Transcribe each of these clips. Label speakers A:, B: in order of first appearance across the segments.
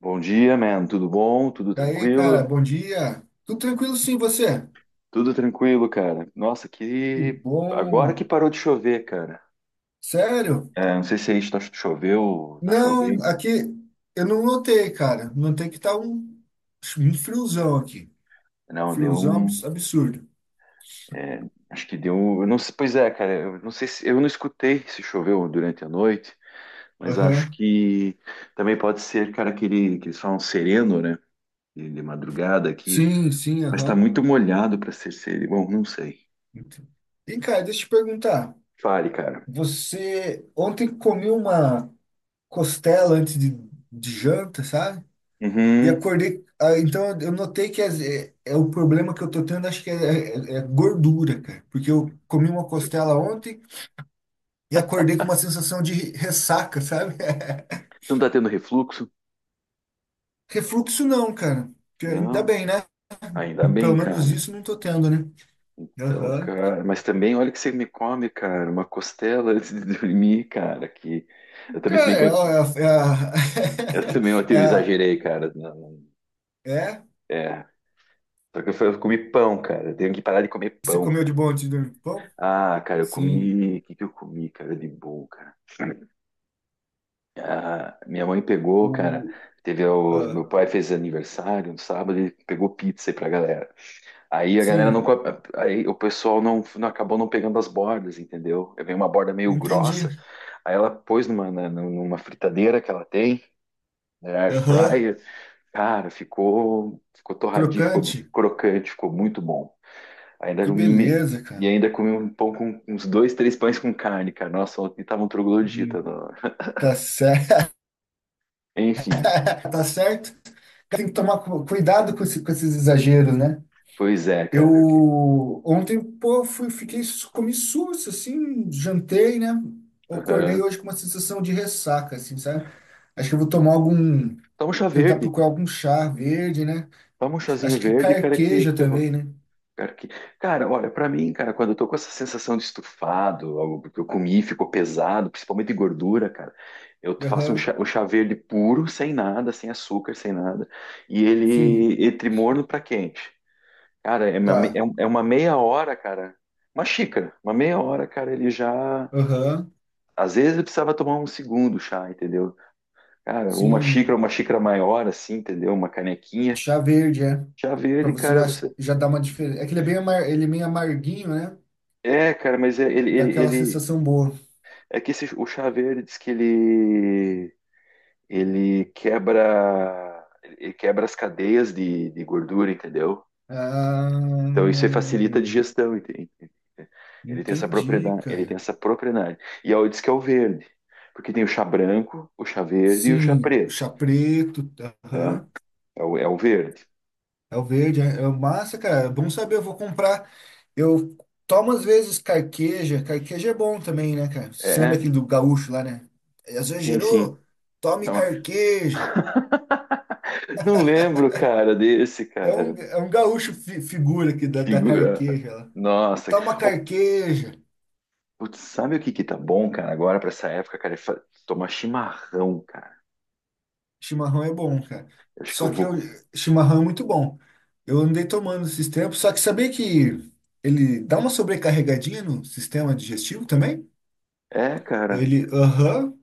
A: Bom dia, man. Tudo bom? Tudo
B: Daí, cara,
A: tranquilo?
B: bom dia. Tudo tranquilo sim, você?
A: Tudo tranquilo, cara. Nossa,
B: Que
A: que. Agora
B: bom.
A: que parou de chover, cara.
B: Sério?
A: É, não sei se aí choveu, tá chovendo.
B: Não, aqui eu não notei, cara. Notei que tá um friozão aqui.
A: Não, deu
B: Friozão
A: um.
B: absurdo.
A: É, acho que deu. Eu não sei, pois é, cara. Eu não sei se eu não escutei se choveu durante a noite, mas acho
B: Aham.
A: que também pode ser, cara, aquele que eles falam sereno, né? De madrugada aqui.
B: Sim, sim,
A: Mas tá
B: aham.
A: muito molhado pra ser sereno. Bom, não sei.
B: Ent- E, cara, deixa eu te perguntar.
A: Fale, cara.
B: Você ontem comeu uma costela antes de janta, sabe? E
A: Uhum.
B: acordei. Então eu notei é, é o problema que eu tô tendo, acho que é, é gordura, cara. Porque eu comi uma costela ontem e acordei com uma sensação de ressaca, sabe?
A: Você não tá tendo refluxo?
B: Refluxo não, cara. Que Ainda
A: Não.
B: bem, né?
A: Ainda bem,
B: Pelo menos
A: cara.
B: isso não tô tendo, né?
A: Então,
B: Aham.
A: cara, mas também olha que você me come, cara, uma costela antes de dormir, cara, que eu também, se bem
B: Cara,
A: que eu também ontem eu exagerei, cara. Não,
B: é? O
A: é, só que eu, eu comi pão, cara. Eu tenho que parar de comer
B: que Você
A: pão,
B: comeu de
A: cara.
B: bom antes de dormir? Pão?
A: Ah, cara, eu
B: Sim.
A: comi, o que que eu comi, cara, de bom, cara? Ah, minha mãe pegou,
B: O,
A: cara, teve o
B: ah,
A: meu pai fez aniversário no sábado, ele pegou pizza aí pra galera. Aí a galera não.
B: sim,
A: Aí o pessoal não acabou não pegando as bordas, entendeu? Aí vem uma borda meio grossa,
B: entendi.
A: aí ela pôs numa, numa fritadeira que ela tem, né, air
B: Aham.
A: fryer. Cara, ficou torradinho,
B: Crocante?
A: ficou crocante, ficou muito bom. Ainda
B: Que
A: me-
B: beleza,
A: e
B: cara.
A: ainda comi um pão com uns dois, três pães com carne, cara. Nossa, ontem tava um
B: Hum.
A: troglodita.
B: Tá certo.
A: Enfim,
B: Tá certo. Tem que tomar cuidado com, com esses exageros, né?
A: pois é, cara. Ok.
B: Eu ontem, pô, fui, fiquei, comi susto, assim, jantei, né? Acordei
A: Aham.
B: hoje com uma sensação de ressaca, assim, sabe? Acho que eu vou tomar algum,
A: Toma um chá
B: tentar
A: verde.
B: procurar algum chá verde, né?
A: Toma um chazinho
B: Acho que
A: verde, cara,
B: carqueja também, né?
A: cara, cara, olha, pra mim, cara, quando eu tô com essa sensação de estufado, algo que eu comi ficou pesado, principalmente de gordura, cara, eu faço
B: Aham,
A: um chá verde puro, sem nada, sem açúcar, sem nada, e
B: sim,
A: ele entre morno pra quente. Cara, é uma, me-
B: tá.
A: é um- é uma meia hora, cara, uma xícara, uma meia hora, cara, ele já.
B: Aham,
A: Às vezes eu precisava tomar um segundo chá, entendeu? Cara, uma xícara,
B: sim,
A: uma xícara maior, assim, entendeu? Uma canequinha.
B: chá verde, é.
A: Chá
B: Pra
A: verde,
B: você
A: cara,
B: acho que
A: você.
B: já dar uma diferença. É que ele é bem amar, ele é meio amarguinho, né?
A: É, cara, mas é- ele,
B: Dá
A: ele,
B: aquela
A: ele,
B: sensação boa.
A: É que esse, o chá verde diz que ele, ele quebra as cadeias de gordura, entendeu?
B: Ah,
A: Então isso aí facilita a digestão, entende? Ele tem essa
B: entendi,
A: propriedade, ele tem
B: cara.
A: essa propriedade. E aí diz que é o verde, porque tem o chá branco, o chá verde e o chá
B: Sim, o
A: preto,
B: chá preto,
A: né?
B: aham.
A: É o verde.
B: É o verde, é é massa, cara. É bom saber, eu vou comprar. Eu tomo às vezes carqueja. Carqueja é bom também, né, cara? Você lembra
A: É,
B: aquele do gaúcho lá, né? É, às vezes
A: sim, sim.
B: gerou, tome
A: Então,
B: carqueja.
A: não lembro, cara, desse, cara.
B: É um gaúcho figura aqui da, da
A: Figura.
B: carqueja lá.
A: Nossa.
B: Toma
A: Ô,
B: carqueja.
A: putz, sabe o que que tá bom, cara, agora pra essa época, cara? Tomar chimarrão, cara.
B: Chimarrão é bom, cara.
A: Eu acho que eu
B: Só que eu,
A: vou.
B: chimarrão é muito bom. Eu andei tomando esses tempos, só que sabia que ele dá uma sobrecarregadinha no sistema digestivo também?
A: É, cara.
B: Ele, aham.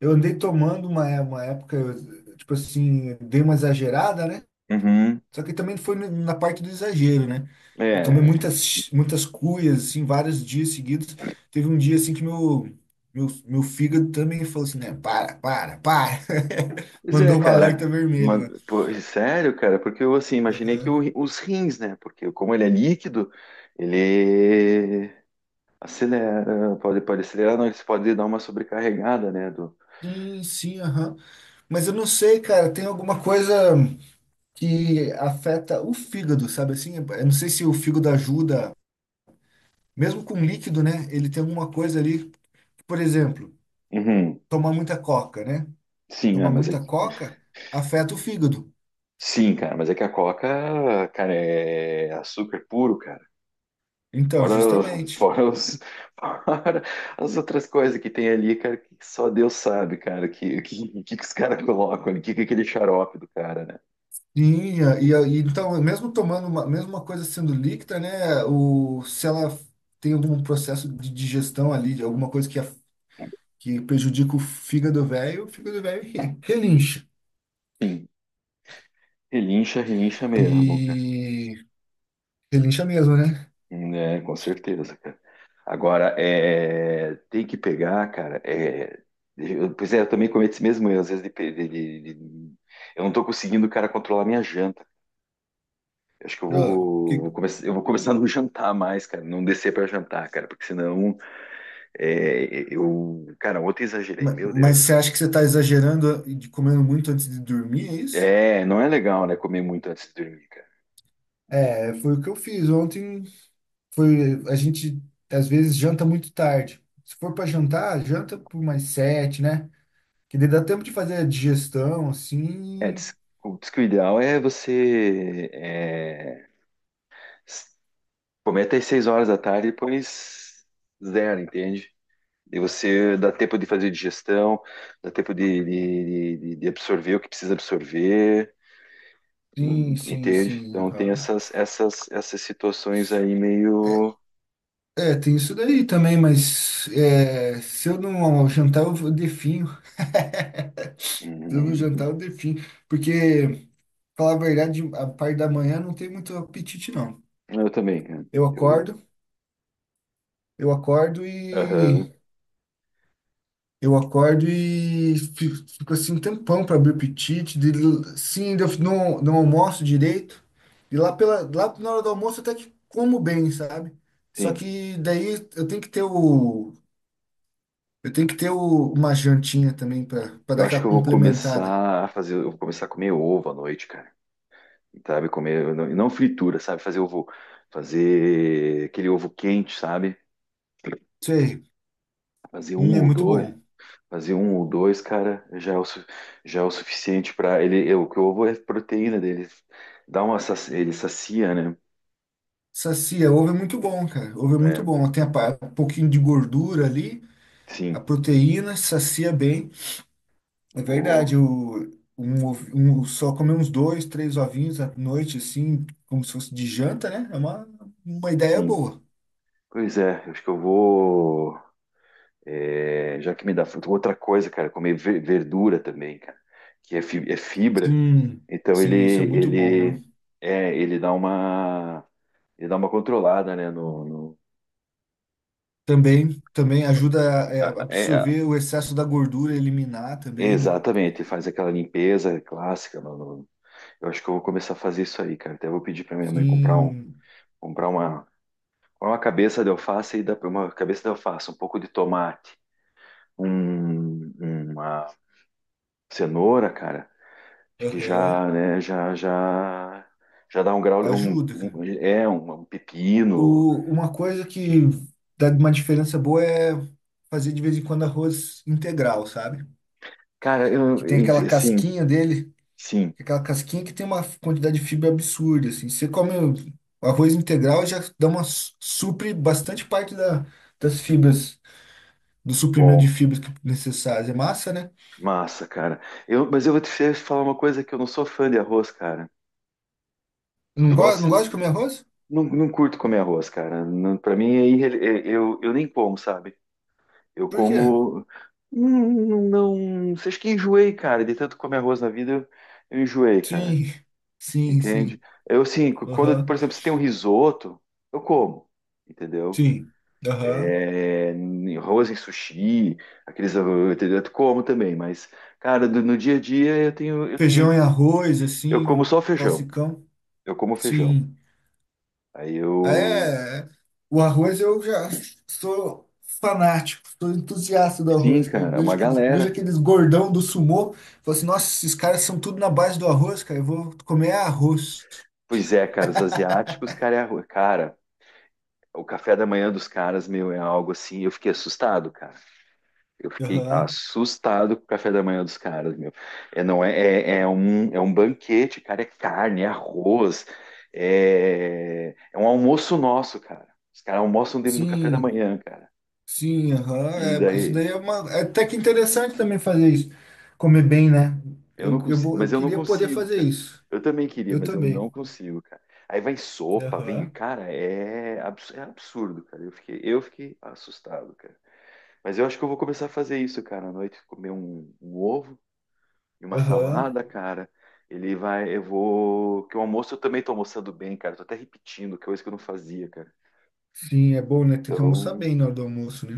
B: Eu andei tomando uma época, eu, tipo assim, dei uma exagerada, né?
A: Uhum.
B: Só que também foi na parte do exagero, né? Eu tomei
A: É.
B: muitas, muitas cuias, assim, vários dias seguidos. Teve um dia, assim, meu fígado também falou assim, né? Para, para, para.
A: Pois é,
B: Mandou um alerta
A: cara.
B: vermelho,
A: Uma-
B: né?
A: pô, é sério, cara, porque eu assim, imaginei que
B: Aham.
A: os rins, né? Porque como ele é líquido, ele acelera, pode acelerar, não, ele pode dar uma sobrecarregada, né?
B: Sim, sim, aham. Mas eu não sei, cara, tem alguma coisa que afeta o fígado, sabe assim? Eu não sei se o fígado ajuda, mesmo com líquido, né? Ele tem alguma coisa ali, por exemplo,
A: Uhum.
B: tomar muita coca, né?
A: Sim, ah,
B: Tomar
A: mas é
B: muita
A: que.
B: coca afeta o fígado.
A: Sim, cara, mas é que a Coca, cara, é açúcar puro, cara.
B: Então,
A: Fora, os-
B: justamente.
A: fora, os- fora as outras coisas que tem ali, cara, que só Deus sabe, cara, que que os caras colocam ali, que é aquele xarope do cara, né?
B: Sim, e então, mesmo tomando uma, mesmo uma coisa sendo líquida, né? O, se ela tem algum processo de digestão ali, de alguma coisa que prejudica o fígado velho relincha.
A: Sim, relincha, relincha mesmo, cara.
B: E relincha mesmo, né?
A: Né, com certeza, cara. Agora, é, tem que pegar, cara, é, eu, pois é, eu também cometo esse mesmo erro, às vezes, de, eu não tô conseguindo, cara, controlar minha janta. Acho que
B: Ó, que-
A: eu vou começar a não jantar mais, cara, não descer pra jantar, cara, porque senão. É, eu, cara, ontem exagerei, meu
B: mas você
A: Deus.
B: acha que você está exagerando e de comendo muito antes de dormir, é isso?
A: É, não é legal, né, comer muito antes de dormir, cara.
B: É, foi o que eu fiz ontem. Foi, a gente às vezes janta muito tarde. Se for para jantar, janta por mais sete, né? Que daí dá tempo de fazer a digestão,
A: É,
B: assim.
A: diz, diz que o ideal é você é, s- comer até as 6 horas da tarde e depois zero, entende? E você dá tempo de fazer digestão, dá tempo de absorver o que precisa absorver,
B: Sim, sim,
A: entende?
B: sim,
A: Então tem
B: aham.
A: essas, essas, essas situações aí meio.
B: É, tem isso daí também, mas é, se eu não jantar, definho. Se eu não jantar,
A: Hum,
B: eu definho. Porque, falar a verdade, a parte da manhã não tem muito apetite, não.
A: eu também, cara.
B: Eu
A: Eu,
B: acordo, eu acordo
A: aham,
B: e. Eu acordo e fico, fico assim um tempão para abrir o apetite. De, sim, ainda não, não almoço direito. E lá, pela, lá na hora do almoço até que como bem, sabe? Só
A: sim.
B: que daí Eu tenho que ter uma jantinha também para
A: Eu
B: dar
A: acho que
B: aquela
A: eu vou
B: complementada.
A: começar a fazer, eu vou começar a comer ovo à noite, cara. Sabe, comer, não, não fritura, sabe, fazer ovo, fazer aquele ovo quente, sabe?
B: Sei,
A: Fazer um
B: é
A: ou
B: muito
A: dois,
B: bom.
A: fazer um ou dois, cara, já é o, já é o suficiente para ele, é, o que o ovo é a proteína dele, dá uma, ele sacia, né?
B: Sacia, ovo é muito bom, cara. Ovo é muito
A: É,
B: bom. Tem um pouquinho de gordura ali, a
A: sim,
B: proteína, sacia bem. É
A: o,
B: verdade, o, um, ovo- um- só comer uns dois, três ovinhos à noite, assim, como se fosse de janta, né? É uma ideia
A: sim.
B: boa.
A: Pois é, acho que eu vou. É, já que me dá fruta. Outra coisa, cara, comer verdura também, cara, que é é fibra.
B: Sim,
A: Então ele
B: sim, isso é muito bom,
A: ele
B: né?
A: é, ele dá uma controlada, né? No,
B: Também, também ajuda a é,
A: é,
B: absorver o excesso da gordura, eliminar
A: é,
B: também, né?
A: exatamente, ele faz aquela limpeza clássica. Eu acho que eu vou começar a fazer isso aí, cara. Até vou pedir para minha mãe
B: Sim,
A: comprar uma cabeça de alface e dá uma cabeça de alface, um pouco de tomate, um, uma cenoura, cara. Acho que
B: aham.
A: já, né, já dá um grau, um,
B: Ajuda, cara.
A: é, um pepino.
B: O, uma coisa que dá uma diferença boa é fazer de vez em quando arroz integral, sabe?
A: Cara, eu,
B: Que tem aquela
A: sim,
B: casquinha dele,
A: sim,
B: aquela casquinha que tem uma quantidade de fibra absurda, assim. Você come o arroz integral já dá uma supre bastante parte da, das fibras, do suprimento de
A: bom,
B: fibras necessárias. É massa, né?
A: massa, cara. Eu, mas eu vou te falar uma coisa que eu não sou fã de arroz, cara.
B: Não
A: Eu
B: gosta, não
A: gosto,
B: gosta de comer arroz?
A: não, não curto comer arroz, cara. Não, para mim, é eu nem como, sabe? Eu
B: Por quê?
A: como, não, não, não, acho que enjoei, cara. De tanto comer arroz na vida, eu enjoei, cara.
B: Sim, sim,
A: Entende?
B: sim.
A: Eu, assim, quando, por
B: Aham,
A: exemplo, se tem um risoto, eu como, entendeu?
B: sim, aham.
A: É, em arroz em sushi, aqueles, ah, entendeu? Eu como também, mas, cara, no dia a dia
B: Feijão e arroz,
A: eu
B: assim,
A: como
B: o
A: só feijão,
B: classicão.
A: eu como feijão.
B: Sim.
A: Aí eu,
B: É, é. O arroz eu já sou fanático, sou entusiasta do
A: sim,
B: arroz, cara.
A: cara, é uma
B: Eu vejo
A: galera.
B: aqueles gordão do sumô, falo assim, nossa, esses caras são tudo na base do arroz, cara, eu vou comer arroz.
A: Pois é, cara, os asiáticos, cara, é arroz. Cara, o café da manhã dos caras, meu, é algo assim, eu fiquei assustado, cara. Eu fiquei
B: Aham.
A: assustado com o café da manhã dos caras, meu. É, não é, é, é um banquete, cara. É carne, é arroz, é, é um almoço nosso, cara. Os caras almoçam dentro do café da
B: Sim,
A: manhã, cara.
B: sim,
A: E
B: aham. É, isso
A: daí,
B: daí é uma. É até que interessante também fazer isso. Comer bem, né?
A: eu não consigo,
B: Eu
A: mas eu não
B: queria poder
A: consigo,
B: fazer
A: cara.
B: isso.
A: Eu também queria,
B: Eu
A: mas eu não
B: também.
A: consigo, cara. Aí vai sopa, vem,
B: Aham.
A: cara, é, é absurdo, cara. Eu fiquei assustado, cara. Mas eu acho que eu vou começar a fazer isso, cara, à noite, comer um, um ovo e uma
B: Aham.
A: salada, cara. Ele vai. Eu vou. Que o almoço eu também tô almoçando bem, cara. Tô até repetindo, que é coisa que eu não fazia, cara.
B: Sim, é bom, né? Tem que almoçar
A: Então,
B: bem na hora do almoço, né?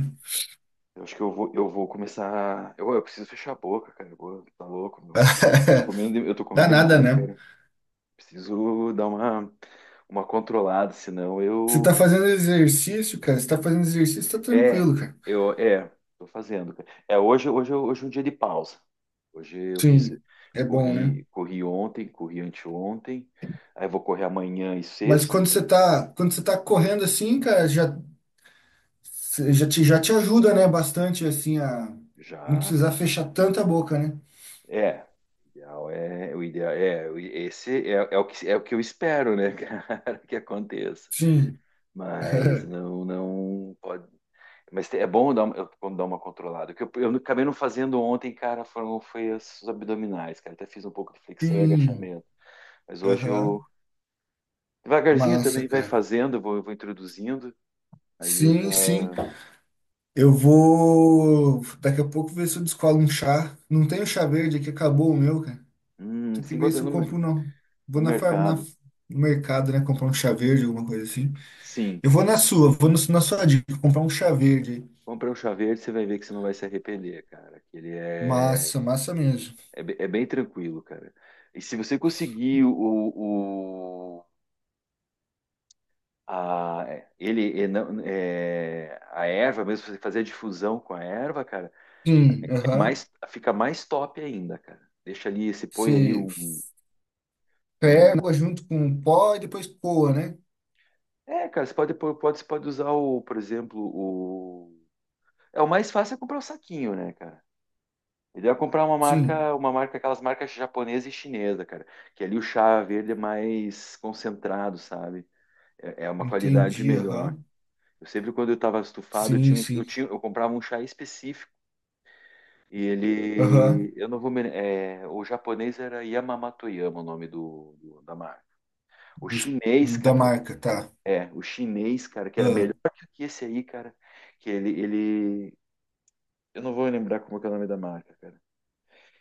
A: eu acho que eu vou começar. Eu preciso fechar a boca, cara. Tá louco, meu. Comendo, eu tô comendo
B: Dá nada,
A: demais,
B: né?
A: cara. Preciso dar uma controlada, senão
B: Você tá
A: eu.
B: fazendo exercício, cara. Você tá fazendo exercício, tá
A: É,
B: tranquilo, cara.
A: eu. É, tô fazendo, cara. É, hoje é um dia de pausa. Hoje eu fiz.
B: Sim, é bom, né?
A: Corri, corri ontem, corri anteontem. Aí vou correr amanhã e
B: Mas
A: sexta.
B: quando você tá correndo assim, cara, já, já te ajuda, né? Bastante, assim, a não
A: Já,
B: precisar
A: cara.
B: fechar tanta boca, né?
A: É. Esse é, é o que eu espero, né, cara, que aconteça.
B: Sim,
A: Mas não pode. Mas é bom dar uma, eu- quando dar uma controlada. O que eu acabei não fazendo ontem, cara, foram foi os abdominais, cara. Até fiz um pouco de flexão e
B: sim.
A: agachamento. Mas hoje eu
B: Aham.
A: devagarzinho
B: Massa,
A: também vai
B: cara.
A: fazendo, eu vou introduzindo. Aí eu já
B: Sim, sim. Eu vou daqui a pouco ver se eu descolo um chá. Não tem o chá verde aqui, acabou o meu, cara. Tem que
A: se
B: ver se
A: encontra
B: eu compro, não.
A: no
B: Vou na, na,
A: mercado.
B: no mercado, né? Comprar um chá verde, alguma coisa assim.
A: Sim.
B: Eu vou na sua, vou no- na sua dica, comprar um chá verde.
A: Compra um chá verde, você vai ver que você não vai se arrepender, cara. Que ele é.
B: Massa, massa mesmo.
A: É, é bem tranquilo, cara. E se você conseguir o, a, é, ele, é, é, a erva, mesmo você fazer a difusão com a erva, cara,
B: Sim,
A: é
B: aham.
A: mais, fica mais top ainda, cara. Deixa ali, se põe ali
B: Você
A: um, põe um.
B: ferva junto com o pó e depois coa, né?
A: É, cara, você pode, pode, você pode usar o, por exemplo, o. É o mais fácil é comprar o saquinho, né, cara? Ele vai comprar uma
B: Sim,
A: marca, uma marca, aquelas marcas japonesa e chinesa, cara. Que ali o chá verde é mais concentrado, sabe? É é uma qualidade
B: entendi,
A: melhor.
B: aham.
A: Eu sempre, quando eu estava estufado, eu,
B: Sim,
A: tinha, eu,
B: sim.
A: tinha, eu comprava um chá específico. E
B: Aham.
A: ele. Eu não vou me. É, o japonês era Yamamatoyama, o nome do, da marca. O
B: Dos-
A: chinês,
B: da
A: cara.
B: marca, tá.
A: É, o chinês, cara, que era
B: Ah,
A: melhor que esse aí, cara. Que ele. Eu não vou lembrar como que é o nome da marca, cara.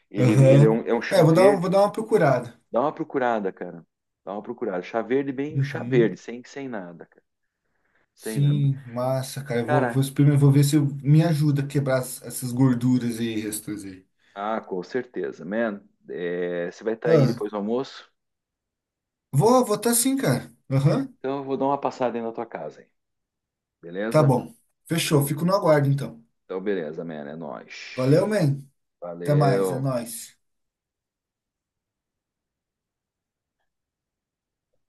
A: Ele
B: aham.
A: é um
B: É,
A: chá
B: eu vou dar, vou
A: verde.
B: dar uma procurada.
A: Dá uma procurada, cara. Dá uma procurada. Chá verde, bem. Chá verde,
B: Uhum.
A: sem, sem nada, cara. Sem nada.
B: Sim, massa, cara. Eu vou, vou
A: Cara,
B: experimentar, vou ver se eu- me ajuda a quebrar essas gorduras aí, restos aí.
A: ah, com certeza, man. É, você vai estar aí
B: Ah,
A: depois do almoço?
B: vou, vou tá sim, cara. Aham,
A: Então eu vou dar uma passada aí na tua casa, hein?
B: tá
A: Beleza?
B: bom. Fechou, fico no aguardo então.
A: Então, beleza, man. É nóis.
B: Valeu, man. Até mais, é
A: Valeu.
B: nóis.